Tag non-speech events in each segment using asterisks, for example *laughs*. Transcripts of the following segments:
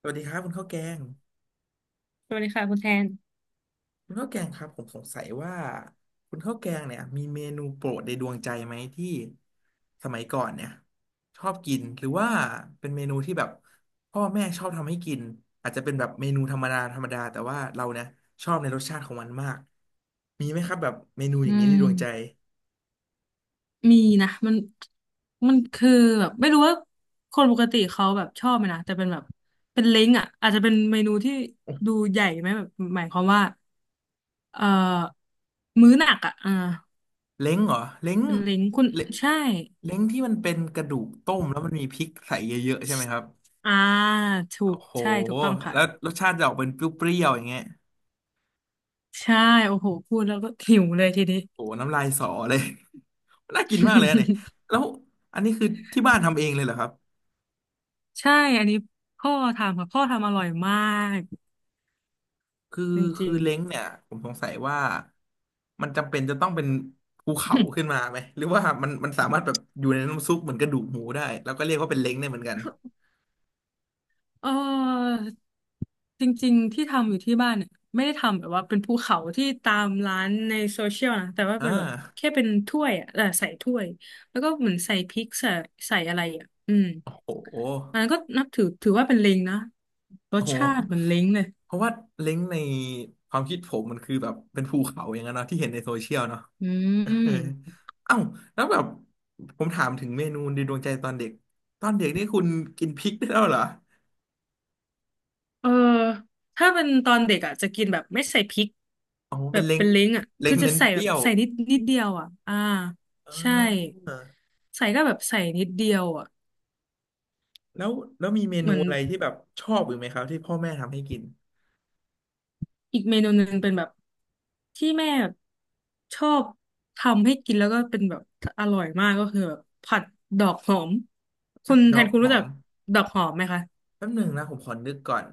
สวัสดีครับคุณข้าวแกงสวัสดีค่ะคุณแทนคุณข้าวแกงครับผมสงสัยว่าคุณข้าวแกงเนี่ยมีเมนูโปรดในดวงใจไหมที่สมัยก่อนเนี่ยชอบกินหรือว่าเป็นเมนูที่แบบพ่อแม่ชอบทำให้กินอาจจะเป็นแบบเมนูธรรมดาธรรมดาแต่ว่าเราเนี่ยชอบในรสชาติของมันมากมีไหมครับแบบเมนูออืย่างนี้มในดวงใจมีนะมันมันคือแบบไม่รู้ว่าคนปกติเขาแบบชอบไหมนะแต่เป็นแบบเป็นเล้งอ่ะอาจจะเป็นเมนูที่ดูใหญ่ไหมแบบหมายความว่าเอ่อมื้อหนักอ่ะอ่าเล้งเหรอเล้งเป็นเล้งคุณเลใช่เล้งที่มันเป็นกระดูกต้มแล้วมันมีพริกใส่เยอะๆใช่ไหมครับอ่าถูโอ้กโหใช่ถูกต้องค่ะแล้วรสชาติจะออกเป็นเปรี้ยวๆอย่างเงี้ย ใช่โอ้โหพูดแล้วก็หิวเลยทีนี้ โอ้โหน้ำลายสอเลย *laughs* น่ากินมากเลยอะเนี่ยแล้วอันนี้คือที่บ้านทำเองเลยเหรอครับ *laughs* ใช่อันนี้พ่อทำค่ะพ่อทำอร่อยมากคือจริคืองเล้งเนี่ยผมสงสัยว่ามันจำเป็นจะต้องเป็นภูเขาๆ ขึ้นมาไหมหรือว่ามันสามารถแบบอยู่ในน้ำซุปเหมือนกระดูกหมูได้แล้วก็เรียกว่าเป็นเล้งได้เหมือนกันเออจริงๆที่ทำอยู่ที่บ้านเนี่ยไม่ได้ทำแบบว่าเป็นภูเขาที่ตามร้านในโซเชียลนะแต่ว่าอ่เป็นแบบาแค่เป็นถ้วยอ่ะเออใส่ถ้วยแล้วก็เหมือนใส่พริกใส่ใส่อะไรอ่ะอืมโอ้โหอันนั้นก็นับถือถือว่าเป็นเล้งนะรโอ้สโหชาติเหมือนเล้งเลยเพราะว่าเล้งในความคิดผมมันคือแบบเป็นภูเขาอย่างนั้นเนาะที่เห็นในโซเชียลเนาะ อื *laughs* เออมเอ้าแล้วแบบผมถามถึงเมนูในดวงใจตอนเด็กตอนเด็กนี่คุณกินพริกได้แล้วเหรอเออถ้าเป็นตอนเด็กอ่ะจะกินแบบไม่ใส่พริกอ๋อแบเป็นบเล้งเป็นเล้งอ่ะเล้คืงอจะเน้นใส่เปแบรี้บยวใส่นิดนิดเดียวอ่ะอ่าอ่ใช่าใส่ก็แบบใส่นิดเดียวอ่ะ แล้วแล้วมีเมเหนูมือนอะไรที่แบบชอบอยู่ไหมครับที่พ่อแม่ทำให้กินอีกเมนูหนึ่งเป็นแบบที่แม่แบบชอบทำให้กินแล้วก็เป็นแบบอร่อยมากก็คือแบบผัดดอกหอมคุผัดณดแทอนกคุณหรู้อจัมกดอกหอมไหมคะแป๊บหนึ่งนะผมขอนึกก่อน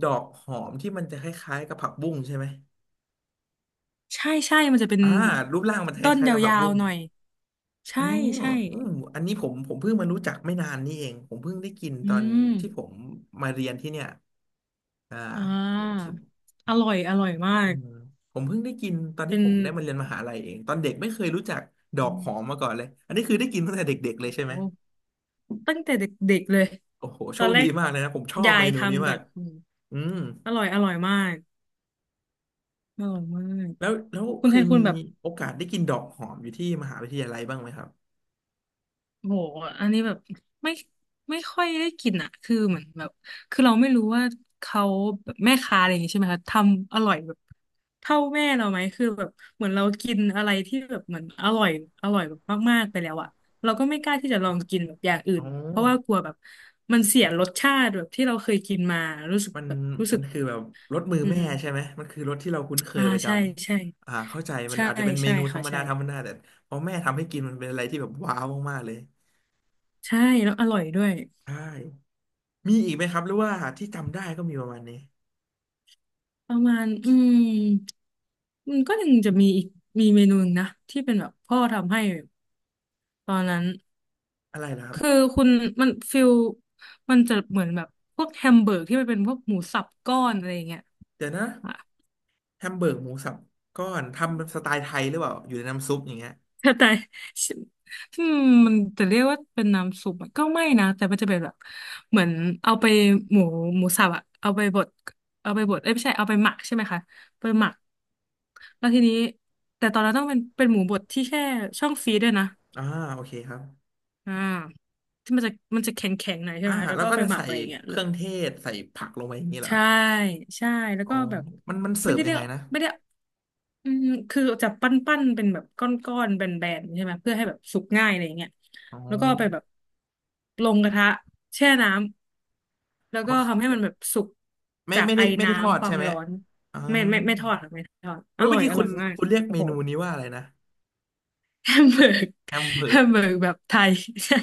ดอกหอมที่มันจะคล้ายๆกับผักบุ้งใช่ไหมใช่ใช่มันจะเป็นอ่ารูปร่างมันคต้นล้ายยๆกับผักาวบุ้งๆหน่อยเอใช่อใช่อืมอันนี้ผมเพิ่งมารู้จักไม่นานนี่เองผมเพิ่งได้กินอืตอนมที่ผมมาเรียนที่เนี่ย อ่าอ่ที่ทาอร่อยอร่อยมาอืกมผมเพิ่งได้กินตอนเป็ที่นผมได้มาเรียนมหาลัยเองตอนเด็กไม่เคยรู้จักดออืกหอมมมาก่อนเลยอันนี้คือได้กินตั้งแต่เด็กๆเลยโอ้ใช่ไหโหมตั้งแต่เด็กๆเลยโอ้โหตโชอนคแรดีกมากเลยนะผมชอบยาเมยนูนี้ทำมาก่อกนอืมอืมอร่อยอร่อยมากอร่อยมาก แล้วแล้วคุเคณแทยนคุมีณแบบโอกาสได้กินดอกหอมอยู่ที่มหาวิทยาลัยบ้างไหมครับโหอันนี้แบบไม่ไม่ค่อยได้กินอ่ะคือเหมือนแบบคือเราไม่รู้ว่าเขาแบบแม่ค้าอะไรอย่างงี้ใช่ไหมคะทำอร่อยแบบเท่าแม่เราไหมคือแบบเหมือนเรากินอะไรที่แบบเหมือนอร่อยอร่อยแบบมากๆไปแล้วอ่ะเราก็ไม่กล้าที่จะลองกินแบบอย่างอื่อ๋อนเพราะว่ากลัวแบบมันเสียรสชาติแบบที่เราเคยกินมารู้สึกมันแบบรู้สึมักนคือแบบรสมืออืแม่ใช่มไหมมันคือรสที่เราคุ้นเคอ่ายประจใช่ใช่ำอ่าเข้าใจมันใช่อาจจะเป็นเมใช่นูธรค่ะรมดาใช่ธรรมดาแต่พอแม่ทำให้กินมันเป็นอะไรที่แบบว้าวมากๆเลยใช่แล้วอร่อยด้วย ใช่ มีอีกไหมครับหรือว่าที่จำได้ก็มีประมาณนี้ประมาณอืมมันก็ยังจะมีอีกมีเมนูหนึ่งนะที่เป็นแบบพ่อทำให้ตอนนั้นอะไรล่ะครับคือคุณมันฟิลมันจะเหมือนแบบพวกแฮมเบอร์กที่มันเป็นพวกหมูสับก้อนอะไรอย่างเงี้ยเดี๋ยวนะอ่ะแฮมเบอร์กหมูสับก้อนทำสไตล์ไทยหรือเปล่าอยู่ในน้ำซุปอย่างเงี้ยแต่แต่อืมมันจะเรียกว่าเป็นน้ำซุปอะก็ไม่นะแต่มันจะเป็นแบบเหมือนเอาไปหมูหมูสับอะเอาไปบดเอาไปบดเอ้ยไม่ใช่เอาไปหมักใช่ไหมคะไปหมักแล้วทีนี้แต่ตอนนั้นต้องเป็นเป็นหมูบดที่แช่ช่องฟรีซด้วยนะ อ่าโอเคครับอ่าที่มันจะมันจะแข็งแข็งหน่อยใช่อ่าไหมแล้วแล้วก็ก็เอาไปจะหมักใส่อะไรอย่างเงี้ยเคแล้วรื่องเทศใส่ผักลงไปอย่างนี้เหรอใช่ใช่แล้วอ๋อก็แบบมันเสิไม่ร์ฟได้ยัเรีงยกไงนะไม่ได้อืมคือจะปั้นปั้นเป็นแบบก้อนก้อนแบนแบนๆใช่ไหมเพื่อให้แบบสุกง่ายอะไรอย่างเงี้ยอ๋อแล้วก็เอาไปแบบลงกระทะแช่น้ำแล้วอ๋ก็ทำให้อมันแบบสุกไม่จากไม่ไอได้ไม่ได้ทอดน้ำควาใช่มไหมร้อนอ๋อไม่ไม่ไม่ทอดค่ะไม่ทอดเว้อยร่เมื่ออยกี้อคุร่อณยมากคุณเรียกโอ้เมโห นูนี้ว่าอะไรนะ *laughs* แฮมเบอร์กแฮมเบอแฮร์กมเบอร์กแบบไทย *laughs* ใช่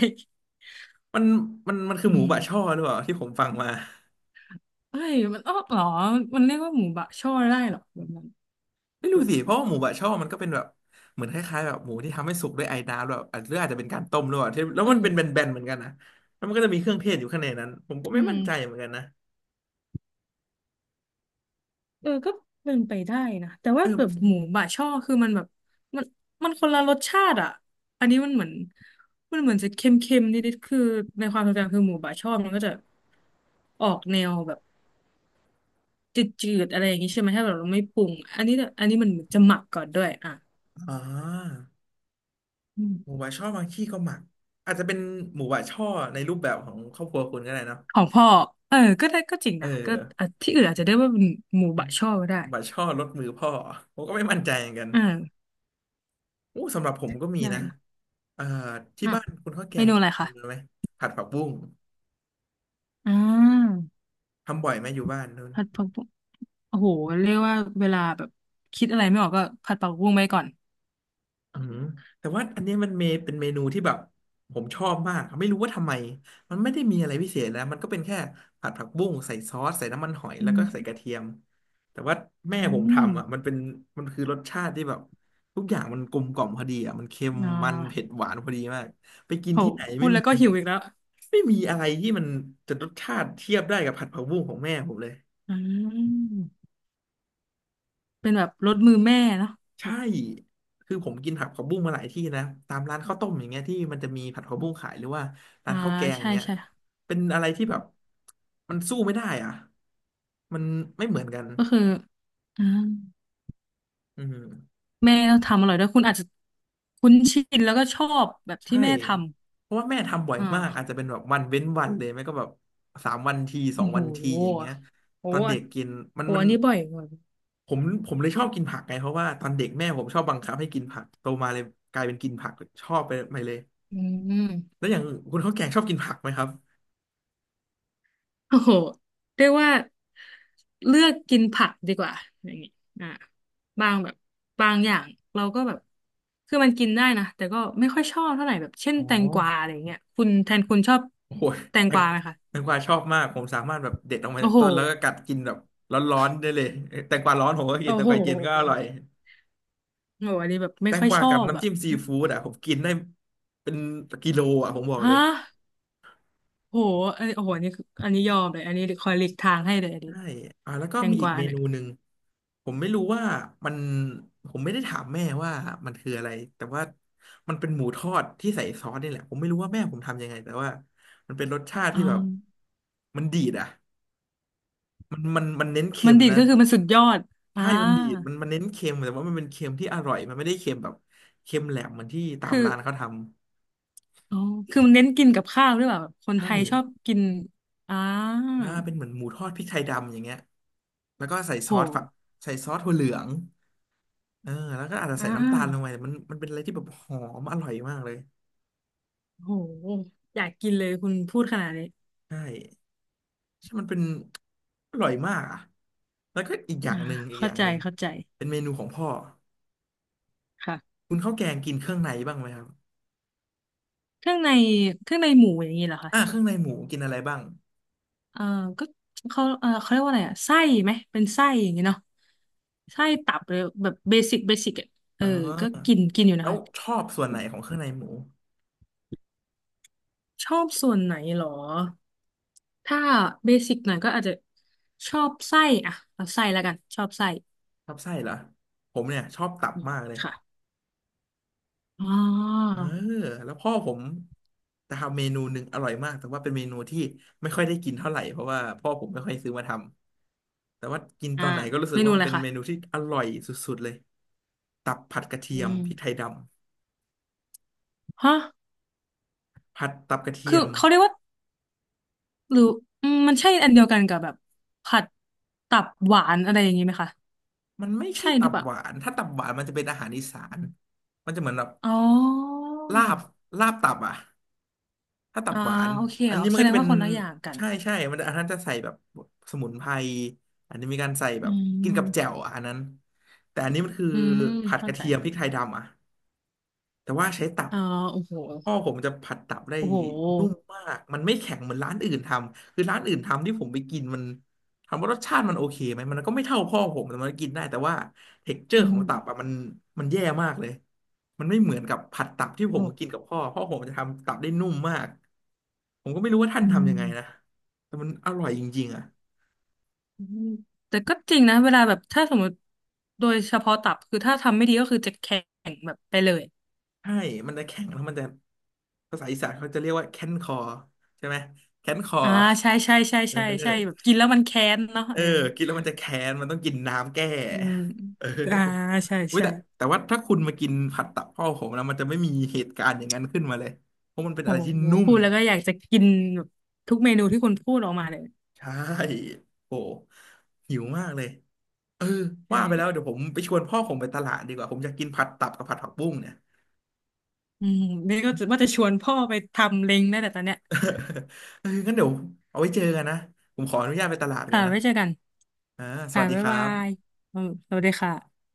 มันมันคืออืหมูบะช่ม อหรือเปล่าที่ผมฟังมา เฮ้ยมันอ้อเหรอมันเรียกว่าหมูบะช่อได้เหรอแบบนั้นไม่เอรู้อสิเพราะว่าหมูบะช่อมันก็เป็นแบบเหมือนคล้ายๆแบบหมูที่ทำให้สุกด้วยไอน้ำแบบอาจหรืออาจจะเป็นการต้มหรือ่ที่แล้วมันเป็นแบนๆเหมือนกันนะแล้วมันก็จะมีเครื่องเทศอยู่ข้างในนั้นผมก็อืไม่มมั่นใจเหมือนกันนะเออก็เป็นไปได้นะแต่เอว่าอแบมับนหมูบะช่อคือมันแบบมันมันคนละรสชาติอ่ะอันนี้มันเหมือนมันเหมือนจะเค็มๆนิดๆคือในความทรงจำคือหมูบะช่อมันก็จะออกแนวแบบจืดๆอะไรอย่างนี้ใช่ไหมถ้าแบบเราไม่ปรุงอันนี้เนี่ยอันนี้มันเหมือนจะหมักก่อนด้วยอ่ะอ่าอืหมูมบะช่อบางที่ก็หมักอาจจะเป็นหมูบะช่อในรูปแบบของครอบครัวคุณก็ได้เนอะของพ่อเออก็ได้ก็จริงเออนะก็อ่ะที่อื่นอาจจะได้ว่าเป็นหมูบะช่อก็ได้หมูบะช่อรสมือพ่อผมก็ไม่มั่นใจเหมือนกันอ่าโอ้สำหรับผมก็มีได้นะนะ เอ่อที่อ่ะบ้านคุณข้าวแกเมงนูนี่อะไรมีเมคะนูไหมผัดผักบุ้งอ่าทำบ่อยไหมอยู่บ้านนู้น ผัดผักบุ้งโอ้โหเรียกว่าเวลาแบบคิดอะไรไม่ออกก็ผัดผักบุ้งไปก่อนอืมแต่ว่าอันเนี้ยมันเมเป็นเมนูที่แบบผมชอบมากไม่รู้ว่าทำไมมันไม่ได้มีอะไรพิเศษนะมันก็เป็นแค่ผัดผักบุ้งใส่ซอสใส่น้ำมันหอยอืแล้วก็มใส่กระเทียมแต่ว่าแม่อืผมมทำอ่ะมันเป็นมันคือรสชาติที่แบบทุกอย่างมันกลมกล่อมพอดีอ่ะมันเค็มอ่ามันเผ็ดหวานพอดีมากไปกินโหที่ไหนพูไม่ดแล้มีวก็หิวอีกแล้วไม่มีอะไรที่มันจะรสชาติเทียบได้กับผัดผักบุ้งของแม่ผมเลย อืมเป็นแบบรสมือแม่เนาะใช่คือผมกินผัดผักบุ้งมาหลายที่นะตามร้านข้าวต้มอย่างเงี้ยที่มันจะมีผัดผักบุ้งขายหรือว่าร้าอ่านข้าวแกงอย่าใช่งเงี้ยใช่เป็นอะไรที่แบบมันสู้ไม่ได้อ่ะมันไม่เหมือนกันก็คืออ่าอืมแม่ก็ทำอร่อยด้วยคุณอาจจะคุ้นชินแล้วก็ชอบแบบที่ใช่แม่ทเพราะว่าแม่ทำบ่อยำอ่ามากอาจจะเป็นแบบวันเว้นวันเลยไม่ก็แบบสามวันทีสโอ้องวันทีโหอย่างเงี้ยโอ้ตอนโหเด็กกินมัโอนโหมันอันนี้บ่อยกว่าผมผมเลยชอบกินผักไงเพราะว่าตอนเด็กแม่ผมชอบบังคับให้กินผักโตมาเลยกลายเป็นกินผักชอบไปเลย อืม แล้วอย่างคุณข้าวแกงชอบกินผักไหมครับโอ้โหเรียกว่าเลือกกินผักดีกว่าอย่างนี้อ่าบางแบบบางอย่างเราก็แบบคือมันกินได้นะแต่ก็ไม่ค่อยชอบเท่าไหร่แบบเช่นอ๋อแตงกวาอะไรอย่างเงี้ยคุณแทนคุณชอบโอ้โหแตงแตกงวาไหมคะแตงกวาชอบมาก ผมสามารถแบบเด็ดออกมาโอ้จากโหต้นแล้วก็กัดกินแบบร้อนๆได้เลยเอ้ยแตงกวาร้อนผมก็กิโอ้นแตโงกวาเย็นก็อร่อหย โอ้โหอันนี้แบบแตไม่งค่อยกวาชอกับบน้ำอ่ะจิ้มซีฟู้ดอ่ะผมกินได้เป็นกิโลอ่ะผมบอกเลฮะย โอ้โหอันนี้โอ้โหอันนี้คืออันนี้ยอมเลยอันนี้คอยหลีกทางให้เลยอันนี้ใช่ อ่าแล้วก็แตงมีกอีกวาเมเนี่ยนูหนึ่งผมไม่รู้ว่ามันผมไม่ได้ถามแม่ว่ามันคืออะไรแต่ว่ามันเป็นหมูทอดที่ใส่ซอสนี่แหละผมไม่รู้ว่าแม่ผมทำยังไงแต่ว่ามันเป็นรสชาติอ่ที่แบบามันดีดอ่ะ มันเน้นเค็มันมดีดนะก็คือมันสุดยอดอ่าใช่มันดีดมันเน้นเค็มแต่ว่ามันเป็นเค็มที่อร่อยมันไม่ได้เค็มแบบเค็มแหลมเหมือนที่ตามคือ ร้านเขาทำอ๋อคือมันเน้นกินกับข้าวหรือเปล่าแบบคนใช่ไทยชอบกินอ่าอ่าเป็นเหมือนหมูทอดพริกไทยดำอย่างเงี้ยแล้วก็ใส่ซโหอสฝักใส่ซอสถั่วเหลืองเออแล้วก็อาจจะอ่ใส่น้ำตาลลงไปาแต่มันเป็นอะไรที่แบบหอมอร่อยมากเลยโหอยากกินเลยคุณพูดขนาดนี้ใช่ใช่มันเป็นอร่อยมากอ่ะแล้วก็อีกอย่าอ่างหนึ่งอีกอเข้าย่างใจหนึ่งเข้าใจ เป็นเมนูของพ่อค่ะ คุณข้าวแกงกินเครื่องในบ้างไหมครับเครื่องใน เครื่องในหมูอย่างนี้เหรอคะอ่าเครื่องในหมูกินอะไรบ้างเออก็เขาเออเขาเรียกว่าอะไรอะไส้ไหมเป็นไส้อย่างนี้เนาะไส้ตับเลยแบบเบสิกเบสิกอะเออ๋อ ก็กิอ นกินอยู่แล้นะวคะ ชอบส่วนไหนของเครื่องในหมูชอบส่วนไหนเหรอถ้าเบสิกหน่อยก็อาจจะชอบไส้อะเอาไส้แล้วกันชอบไส้ชอบไส้เหรอผมเนี่ยชอบตับอืมมากเลยค่ะ อ๋อเออแล้วพ่อผมจะทำเมนูหนึ่งอร่อยมากแต่ว่าเป็นเมนูที่ไม่ค่อยได้กินเท่าไหร่เพราะว่าพ่อผมไม่ค่อยซื้อมาทำแต่ว่ากินตอ่าอนไหนก็รู้สึเมกนูว่ามัอะนไรเป็นคะเมนูที่อร่อยสุดๆเลยตับผัดกระเทีอืยมมพริกไทยดฮะำผัดตับกระเทีคืยอมเขาเรียกว่าหรืออืมมันใช่อันเดียวกันกับแบบผัดตับหวานอะไรอย่างนี้ไหมคะ มันไม่ใช่ใช่หตัรือบเปล่าหวานถ้าตับหวานมันจะเป็นอาหารอีสานมันจะเหมือนแบบอ๋อลาบลาบตับอ่ะ ถ้าตับอ่าหวานโอเคอันอ๋อนี้มัแสนก็ดงจะเป็ว่านคนละอย่างกัน ใช่ใช่มันอันนั้นจะใส่แบบสมุนไพรอันนี้มีการใส่แบอืบกินกับแจ่วม อะอันนั้นแต่อันนี้มันคืออืมผัดกเข้าระใจ เทียมพริกไทยดำอ่ะแต่ว่าใช้ตับอ๋อโอ้โหพ่อผมจะผัดตับได้โอ้โหนุ่มมากมันไม่แข็งเหมือนร้านอื่นทำคือร้านอื่นทำที่ผมไปกินมันถามว่ารสชาติมันโอเคไหมมันก็ไม่เท่าพ่อผมแต่มันกินได้แต่ว่าเท็กเจออืร์ของมตับอ่ะมันมันแย่มากเลยมันไม่เหมือนกับผัดตับที่ผมโอ้กินกับพ่อผมจะทำตับได้นุ่มมาก ผมก็ไม่รู้ว่าท่านอืทำยังไงนะมแต่มันอร่อยจริงๆอ่ะอืม แต่ก็จริงนะเวลาแบบถ้าสมมติโดยเฉพาะตับคือถ้าทำไม่ดีก็คือจะแข็งแบบไปเลย ใช่มันจะแข็งแล้วมันจะภาษาอีสานเขาจะเรียกว่าแค้นคอใช่ไหมแค้นคออ่าใช่ใช่ใช่เอใช่ใช่แบบอกินแล้วมันแค้นเนาะเอเอออกินแล้วมันจะแค้นมันต้องกินน้ำแก้อืมเอออ่าใช่อุ้ยใช่แต่แต่ว่าถ้าคุณมากินผัดตับพ่อผมแล้วมันจะไม่มีเหตุการณ์อย่างนั้นขึ้นมาเลยเพราะมันเป็นโอ้อะไรที่โหนุ่มพูดแล้วก็อยากจะกินแบบทุกเมนูที่คุณพูดออกมาเลยใช่โอ้หิวมากเลยเออใช่ว่าไปแล้วเดี๋ยวผมไปชวนพ่อผมไปตลาดดีกว่าผมอยากกินผัดตับกับผัดผักบุ้งเนี่ย อืมนี่ก็จะว่าจะชวนพ่อไปทำเล้งได้แต่ตอนเนี้ย *laughs* เอองั้นเดี๋ยวเอาไว้เจอกันนะผมขออนุญาตไปตลาดก่อค่ะนนะไว้เจอกันอ่าสค่ะวัสดีบ๊าคยรับาบยอืมสวัสดีค่ะ